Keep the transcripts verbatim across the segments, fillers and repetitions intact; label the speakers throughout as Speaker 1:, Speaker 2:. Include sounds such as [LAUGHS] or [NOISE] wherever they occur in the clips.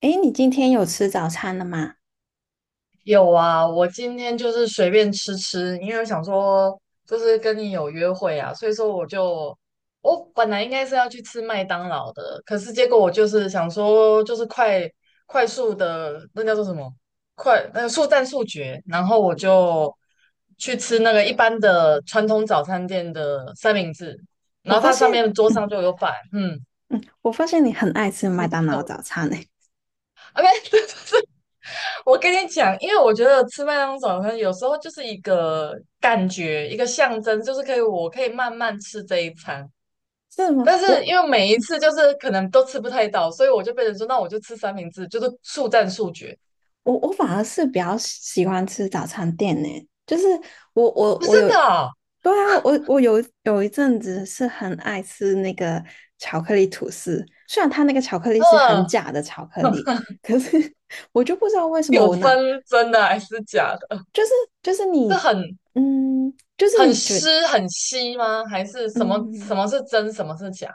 Speaker 1: 诶，你今天有吃早餐了吗？
Speaker 2: 有啊，我今天就是随便吃吃，因为我想说就是跟你有约会啊，所以说我就我本来应该是要去吃麦当劳的。可是结果我就是想说就是快快速的，那叫做什么，快那个速战速决。然后我就去吃那个一般的传统早餐店的三明治，
Speaker 1: 我
Speaker 2: 然后
Speaker 1: 发
Speaker 2: 它
Speaker 1: 现，
Speaker 2: 上面桌
Speaker 1: 嗯
Speaker 2: 上就有摆。嗯
Speaker 1: 嗯，我发现你很爱吃麦当劳早餐诶，
Speaker 2: ，OK。我跟你讲，因为我觉得吃麦当劳早餐有时候就是一个感觉，一个象征，就是可以我可以慢慢吃这一餐。
Speaker 1: 是吗？
Speaker 2: 但是
Speaker 1: 我
Speaker 2: 因为每一次就是可能都吃不太到，所以我就被人说，那我就吃三明治，就是速战速决。
Speaker 1: 我我反而是比较喜欢吃早餐店呢，就是我我
Speaker 2: 不，
Speaker 1: 我
Speaker 2: 真
Speaker 1: 有，
Speaker 2: 的啊？
Speaker 1: 对啊，我我有有一阵子是很爱吃那个巧克力吐司，虽然它那个巧克力是很
Speaker 2: 嗯。
Speaker 1: 假的巧克力，
Speaker 2: [LAUGHS]
Speaker 1: 可是 [LAUGHS] 我就不知道为什么
Speaker 2: 有
Speaker 1: 我那
Speaker 2: 分真的还是假的？
Speaker 1: 就是就是你，
Speaker 2: 是很
Speaker 1: 嗯，就是
Speaker 2: 很
Speaker 1: 你觉
Speaker 2: 湿很稀吗？还是什么什
Speaker 1: 嗯。
Speaker 2: 么是真，什么是假？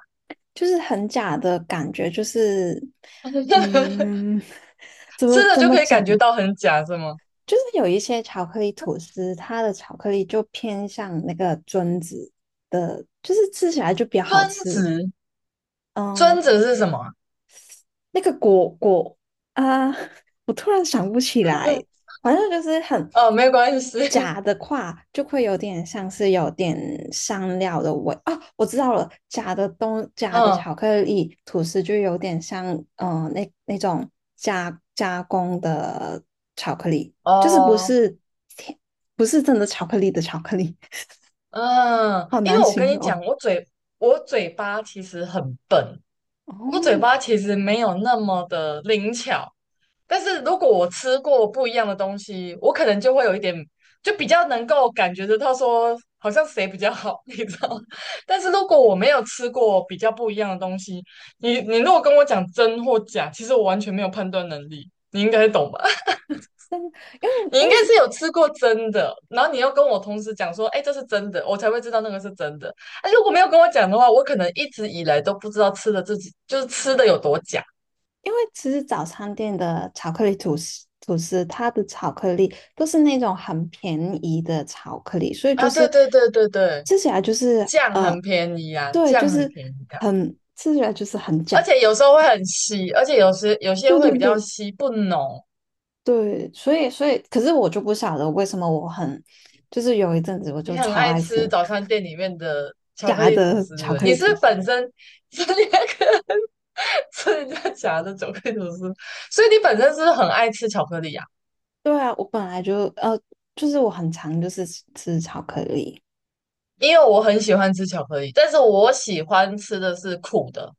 Speaker 1: 就是很假的感觉，就是
Speaker 2: [LAUGHS]
Speaker 1: 嗯，[LAUGHS] 怎么
Speaker 2: 吃的
Speaker 1: 怎
Speaker 2: 就
Speaker 1: 么
Speaker 2: 可以
Speaker 1: 讲？
Speaker 2: 感觉到很假是吗？
Speaker 1: 就是有一些巧克力吐司，它的巧克力就偏向那个榛子的，就是吃起来就比较好
Speaker 2: 专
Speaker 1: 吃。
Speaker 2: 职，
Speaker 1: 嗯、
Speaker 2: 专职是什么啊？
Speaker 1: 那个果果啊、我突然想不起来，反正就是很
Speaker 2: 哦，没有关系。[LAUGHS]
Speaker 1: 假的话，就会有点像是有点香料的味啊。我知道了，假的东假的
Speaker 2: 嗯。
Speaker 1: 巧克力吐司就有点像嗯，那那种加加工的巧克力，就是不
Speaker 2: 哦，
Speaker 1: 是甜不是真的巧克力的巧克力，
Speaker 2: 嗯。
Speaker 1: 好
Speaker 2: 因为
Speaker 1: 难
Speaker 2: 我跟
Speaker 1: 形
Speaker 2: 你讲，
Speaker 1: 容
Speaker 2: 我嘴我嘴巴其实很笨，
Speaker 1: 哦。
Speaker 2: 我嘴巴其实没有那么的灵巧。但是如果我吃过不一样的东西，我可能就会有一点，就比较能够感觉得到说好像谁比较好，[LAUGHS] 你知道吗？但是如果我没有吃过比较不一样的东西，你你如果跟我讲真或假，其实我完全没有判断能力，你应该懂吧？
Speaker 1: 但是因为
Speaker 2: 你
Speaker 1: 因
Speaker 2: 应
Speaker 1: 为
Speaker 2: 该是
Speaker 1: 是
Speaker 2: 有吃过真的，然后你又跟我同时讲说，哎，这是真的，我才会知道那个是真的。哎，如果没有跟我讲的话，我可能一直以来都不知道吃的自己就是吃的有多假。
Speaker 1: 因为其实早餐店的巧克力吐司，吐司它的巧克力都是那种很便宜的巧克力，所以就
Speaker 2: 啊，对
Speaker 1: 是
Speaker 2: 对对对对。
Speaker 1: 吃起来就是
Speaker 2: 酱很
Speaker 1: 呃，
Speaker 2: 便宜啊，
Speaker 1: 对，就
Speaker 2: 酱很
Speaker 1: 是
Speaker 2: 便宜啊。
Speaker 1: 很吃起来就是很
Speaker 2: 而
Speaker 1: 假。
Speaker 2: 且有时候会很稀，而且有时有些
Speaker 1: 对
Speaker 2: 会
Speaker 1: 对
Speaker 2: 比较
Speaker 1: 对
Speaker 2: 稀不浓。
Speaker 1: 对，所以所以，可是我就不晓得为什么我很，就是有一阵子我
Speaker 2: 你
Speaker 1: 就
Speaker 2: 很
Speaker 1: 超
Speaker 2: 爱
Speaker 1: 爱吃
Speaker 2: 吃早餐店里面的
Speaker 1: [LAUGHS]
Speaker 2: 巧克
Speaker 1: 假
Speaker 2: 力吐
Speaker 1: 的
Speaker 2: 司，对不
Speaker 1: 巧
Speaker 2: 对？
Speaker 1: 克力
Speaker 2: 你是
Speaker 1: 吐司。
Speaker 2: 本身， [LAUGHS] 是你爱吃人家夹的巧克力吐司，所以你本身是不是很爱吃巧克力啊？
Speaker 1: 对啊，我本来就呃，就是我很常就是吃吃巧克力。
Speaker 2: 因为我很喜欢吃巧克力，但是我喜欢吃的是苦的。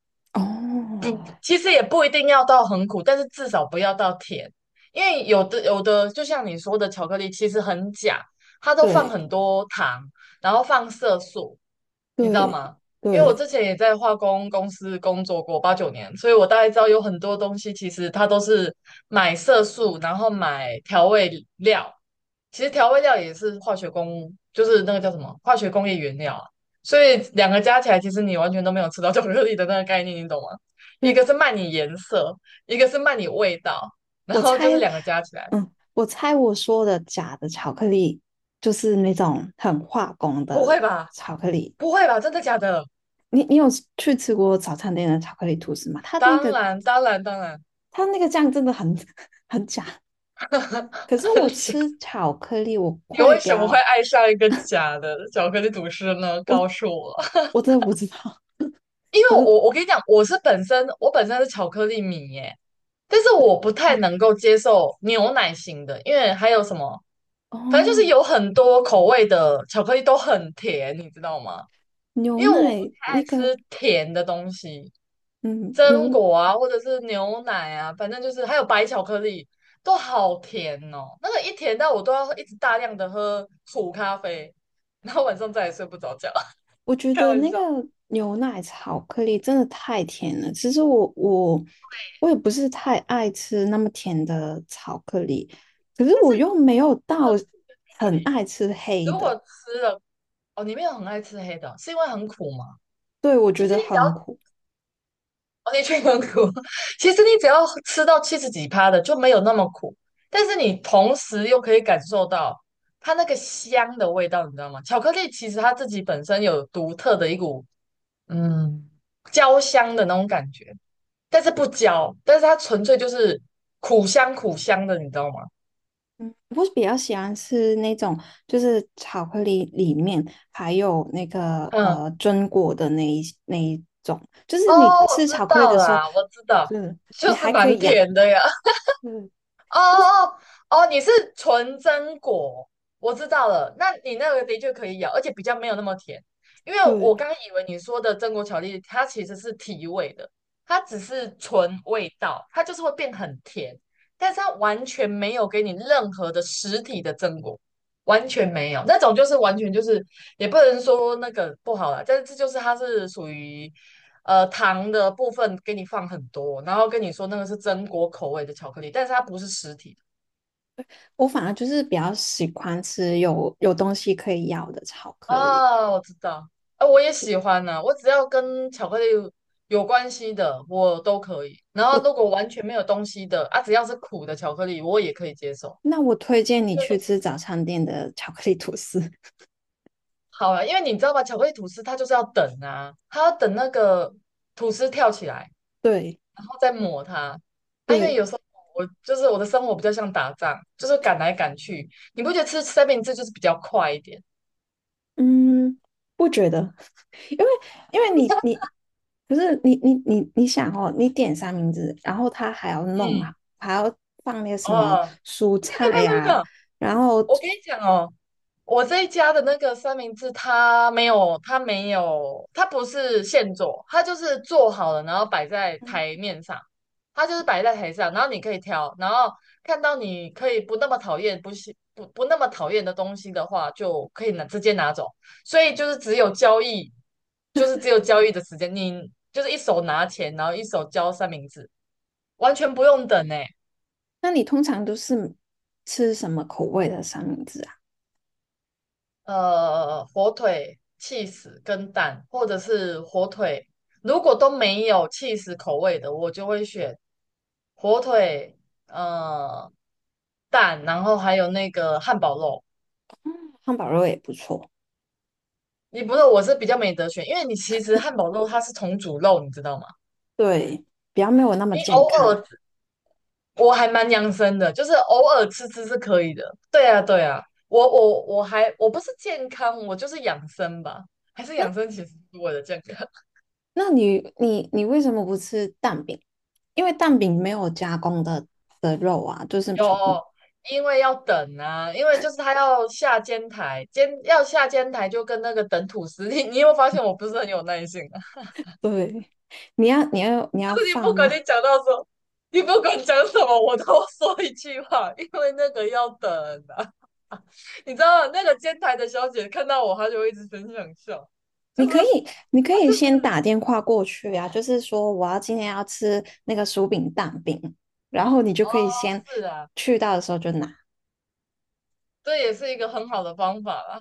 Speaker 2: 不，
Speaker 1: 哦，
Speaker 2: 其实也不一定要到很苦，但是至少不要到甜。因为有的有的就像你说的，巧克力其实很假，它都放
Speaker 1: 对
Speaker 2: 很多糖，然后放色素，你知道
Speaker 1: 对
Speaker 2: 吗？因为我
Speaker 1: 对。
Speaker 2: 之前也在化工公司工作过八九年，所以我大概知道有很多东西其实它都是买色素，然后买调味料。其实调味料也是化学工，就是那个叫什么化学工业原料啊。所以两个加起来，其实你完全都没有吃到巧克力的那个概念，你懂吗？一
Speaker 1: 对，
Speaker 2: 个是卖你颜色，一个是卖你味道，然
Speaker 1: 我
Speaker 2: 后
Speaker 1: 猜，
Speaker 2: 就是两个加起来。
Speaker 1: 嗯，我猜我说的假的巧克力就是那种很化工
Speaker 2: 不
Speaker 1: 的
Speaker 2: 会吧？
Speaker 1: 巧克力。
Speaker 2: 不会吧？真的假的？
Speaker 1: 你你有去吃过早餐店的巧克力吐司吗？它那
Speaker 2: 当
Speaker 1: 个
Speaker 2: 然，当然，当然。
Speaker 1: 它那个酱真的很 [LAUGHS] 很假。
Speaker 2: [LAUGHS]
Speaker 1: 可是我
Speaker 2: 很假。
Speaker 1: 吃巧克力，我
Speaker 2: 你
Speaker 1: 会
Speaker 2: 为
Speaker 1: 比
Speaker 2: 什么会
Speaker 1: 较，
Speaker 2: 爱上一个假的巧克力吐司呢？
Speaker 1: 我
Speaker 2: 告诉我。
Speaker 1: 我真的不知道，
Speaker 2: [LAUGHS] 因为
Speaker 1: 我的
Speaker 2: 我我跟你讲，我是本身我本身是巧克力迷耶。但是我不太能够接受牛奶型的，因为还有什么，反正就是
Speaker 1: 哦，
Speaker 2: 有很多口味的巧克力都很甜，你知道吗？
Speaker 1: 牛
Speaker 2: 因为我不
Speaker 1: 奶
Speaker 2: 太
Speaker 1: 那
Speaker 2: 爱
Speaker 1: 个，
Speaker 2: 吃甜的东西，
Speaker 1: 嗯，
Speaker 2: 榛
Speaker 1: 牛
Speaker 2: 果啊，或者是牛奶啊，反正就是还有白巧克力，都好甜哦。那个一甜到我都要一直大量的喝苦咖啡，然后晚上再也睡不着觉。
Speaker 1: 我
Speaker 2: [LAUGHS]
Speaker 1: 觉
Speaker 2: 开
Speaker 1: 得
Speaker 2: 玩
Speaker 1: 那
Speaker 2: 笑，
Speaker 1: 个
Speaker 2: 巧
Speaker 1: 牛奶巧克力真的太甜了。其实我我我也不是太爱吃那么甜的巧克力，可是我又没有到
Speaker 2: 克
Speaker 1: 很
Speaker 2: 力。
Speaker 1: 爱吃黑
Speaker 2: 如
Speaker 1: 的，
Speaker 2: 果吃了，哦，你没有很爱吃黑的哦，是因为很苦吗？
Speaker 1: 对，我
Speaker 2: 其
Speaker 1: 觉
Speaker 2: 实
Speaker 1: 得
Speaker 2: 你只要，
Speaker 1: 很苦。
Speaker 2: 哦，你确实很苦。[LAUGHS] 其实你只要吃到七十几趴的就没有那么苦，但是你同时又可以感受到它那个香的味道，你知道吗？巧克力其实它自己本身有独特的一股，嗯，焦香的那种感觉。但是不焦，但是它纯粹就是苦香苦香的，你知道吗？
Speaker 1: 嗯，我比较喜欢吃那种，就是巧克力里面还有那个
Speaker 2: 嗯。
Speaker 1: 呃榛果的那一那一种，就是你
Speaker 2: 哦，我
Speaker 1: 吃
Speaker 2: 知
Speaker 1: 巧克力
Speaker 2: 道
Speaker 1: 的时候，
Speaker 2: 啦，我知道，
Speaker 1: 嗯，你
Speaker 2: 就是
Speaker 1: 还可
Speaker 2: 蛮
Speaker 1: 以咬，
Speaker 2: 甜的呀。
Speaker 1: 嗯，
Speaker 2: 哦
Speaker 1: 就是
Speaker 2: 哦哦。哦，你是纯榛果，我知道了。那你那个的确可以咬，而且比较没有那么甜。因为我
Speaker 1: 对。
Speaker 2: 刚以为你说的榛果巧克力，它其实是提味的，它只是纯味道，它就是会变很甜，但是它完全没有给你任何的实体的榛果，完全没有。那种就是完全就是，也不能说那个不好啦，但是这就是它是属于。呃，糖的部分给你放很多，然后跟你说那个是榛果口味的巧克力，但是它不是实体的。
Speaker 1: 我反而就是比较喜欢吃有有东西可以咬的巧克力。
Speaker 2: 啊，我知道。啊，我也喜欢呢，我只要跟巧克力有关系的，我都可以。然后
Speaker 1: 我
Speaker 2: 如果完全没有东西的，啊，只要是苦的巧克力，我也可以接受。
Speaker 1: 那我推荐
Speaker 2: 我觉
Speaker 1: 你
Speaker 2: 得
Speaker 1: 去
Speaker 2: 都
Speaker 1: 吃早餐店的巧克力吐司。
Speaker 2: 好了。因为你知道吧，巧克力吐司它就是要等啊，它要等那个吐司跳起来。
Speaker 1: [LAUGHS] 对
Speaker 2: 然后再抹它。啊，因为
Speaker 1: 对，
Speaker 2: 有时候我就是我的生活比较像打仗，就是赶来赶去。你不觉得吃三明治就是比较快一点？
Speaker 1: 嗯，不觉得，因为因为你你不是你你你你想哦，你点三明治，然后他还要弄啊，
Speaker 2: 嗯。
Speaker 1: 还要放那个什么
Speaker 2: 哦，
Speaker 1: 蔬
Speaker 2: 没有没有没
Speaker 1: 菜
Speaker 2: 有没有，
Speaker 1: 呀、
Speaker 2: 没
Speaker 1: 啊
Speaker 2: 有，
Speaker 1: 然后
Speaker 2: 我跟你讲哦，我这一家的那个三明治，它没有，它没有，它不是现做，它就是做好了，然后摆在台
Speaker 1: 嗯
Speaker 2: 面上。它就是摆在台上，然后你可以挑，然后看到你可以不那么讨厌，不喜不不那么讨厌的东西的话，就可以拿，直接拿走。所以就是只有交易，就是只有交易的时间，你就是一手拿钱，然后一手交三明治，完全不用等呢。
Speaker 1: 那你通常都是吃什么口味的三明治啊？
Speaker 2: 呃，火腿 cheese 跟蛋，或者是火腿。如果都没有 cheese 口味的，我就会选火腿，呃，蛋，然后还有那个汉堡肉。
Speaker 1: 汉堡肉也不错，
Speaker 2: 你不是，我是比较没得选，因为你其实汉堡肉它是重组肉，你知道吗？
Speaker 1: 对，比较没有那么
Speaker 2: 你偶
Speaker 1: 健康。
Speaker 2: 尔，我还蛮养生的，就是偶尔吃吃是可以的。对啊，对啊。我我我还我不是健康，我就是养生吧，还是养生其实是为了健康。
Speaker 1: 那你你你为什么不吃蛋饼？因为蛋饼没有加工的的肉啊，就是从
Speaker 2: 有，
Speaker 1: [LAUGHS]
Speaker 2: 因为要等啊，因为就是他要下监台，监要下监台就跟那个等吐司。你你有没有发现我不是很有耐性啊？[LAUGHS]
Speaker 1: 对，你要你要你要
Speaker 2: 但是你不
Speaker 1: 放
Speaker 2: 管
Speaker 1: 吗？
Speaker 2: 你讲到说，你不管讲什么，我都说一句话，因为那个要等啊。[LAUGHS] 你知道那个监台的小姐看到我，她就会一直很想笑，就
Speaker 1: 你可
Speaker 2: 是。
Speaker 1: 以你可以先打电话过去啊，就是说我要今天要吃那个薯饼蛋饼，然后你就
Speaker 2: 哦，
Speaker 1: 可以先
Speaker 2: 是啊，
Speaker 1: 去到的时候就拿。
Speaker 2: 这也是一个很好的方法啦。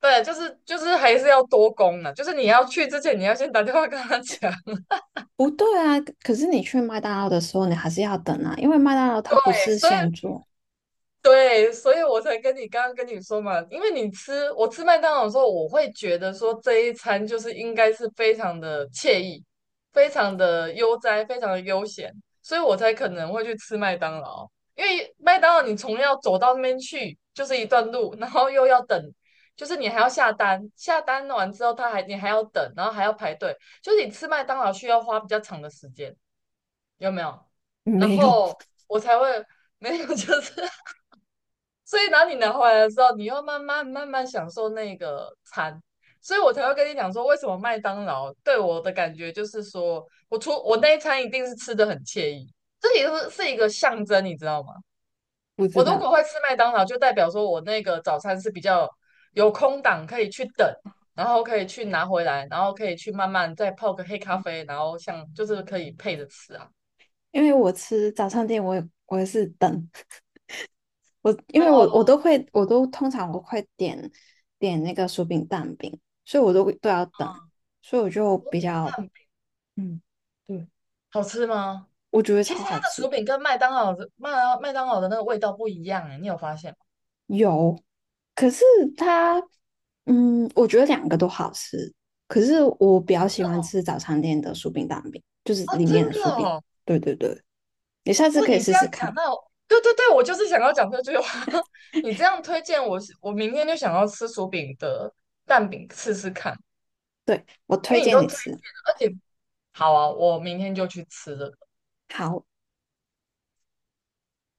Speaker 2: 对，就是就是还是要多攻呢，就是你要去之前，你要先打电话跟她讲。
Speaker 1: 不对啊，可是你去麦当劳的时候，你还是要等啊，因为麦当劳它不
Speaker 2: [LAUGHS]
Speaker 1: 是
Speaker 2: 所
Speaker 1: 现
Speaker 2: 以。
Speaker 1: 做，
Speaker 2: 对，所以我才跟你刚刚跟你说嘛，因为你吃我吃麦当劳的时候，我会觉得说这一餐就是应该是非常的惬意，非常的悠哉，非常的悠闲，所以我才可能会去吃麦当劳。因为麦当劳你从要走到那边去就是一段路，然后又要等，就是你还要下单，下单完之后他还你还要等，然后还要排队，就是你吃麦当劳需要花比较长的时间，有没有？然
Speaker 1: 没有，
Speaker 2: 后我才会没有，就是。所以，然后你拿回来的时候，你又慢慢慢慢享受那个餐。所以我才会跟你讲说，为什么麦当劳对我的感觉就是说，我出我那一餐一定是吃的很惬意，这也是是一个象征，你知道吗？
Speaker 1: [LAUGHS] 不知
Speaker 2: 我如果
Speaker 1: 道，
Speaker 2: 会吃麦当劳，就代表说我那个早餐是比较有空档可以去等，然后可以去拿回来，然后可以去慢慢再泡个黑咖
Speaker 1: 嗯，
Speaker 2: 啡，然后像就是可以配着吃啊。
Speaker 1: 因为我吃早餐店我也我也是等。我因为我我
Speaker 2: 哦。
Speaker 1: 都会，我都通常我会点点那个薯饼蛋饼，所以我都都要等，
Speaker 2: 嗯。
Speaker 1: 所以我就
Speaker 2: 薄
Speaker 1: 比
Speaker 2: 饼
Speaker 1: 较嗯，对，
Speaker 2: 好吃吗？
Speaker 1: 我觉得
Speaker 2: 其
Speaker 1: 超
Speaker 2: 实它
Speaker 1: 好
Speaker 2: 的
Speaker 1: 吃，
Speaker 2: 薯饼跟麦当劳的，麦麦当劳的那个味道不一样诶，你有发现吗？
Speaker 1: 有，可是它嗯，我觉得两个都好吃，可是我比较喜欢吃早餐店的薯饼蛋饼，就是
Speaker 2: 哦，
Speaker 1: 里面
Speaker 2: 真
Speaker 1: 的
Speaker 2: 的
Speaker 1: 薯饼，
Speaker 2: 哦！
Speaker 1: 对对对，你下次
Speaker 2: 哇，
Speaker 1: 可以
Speaker 2: 你
Speaker 1: 试
Speaker 2: 这样
Speaker 1: 试
Speaker 2: 讲
Speaker 1: 看，
Speaker 2: 到，对对对，我就是想要讲这句话。[LAUGHS] 你这样推荐我是，我明天就想要吃薯饼的蛋饼试试看，
Speaker 1: 对，我
Speaker 2: 因
Speaker 1: 推
Speaker 2: 为你都
Speaker 1: 荐你
Speaker 2: 推
Speaker 1: 吃，
Speaker 2: 荐了，而且好啊，我明天就去吃了。
Speaker 1: 好，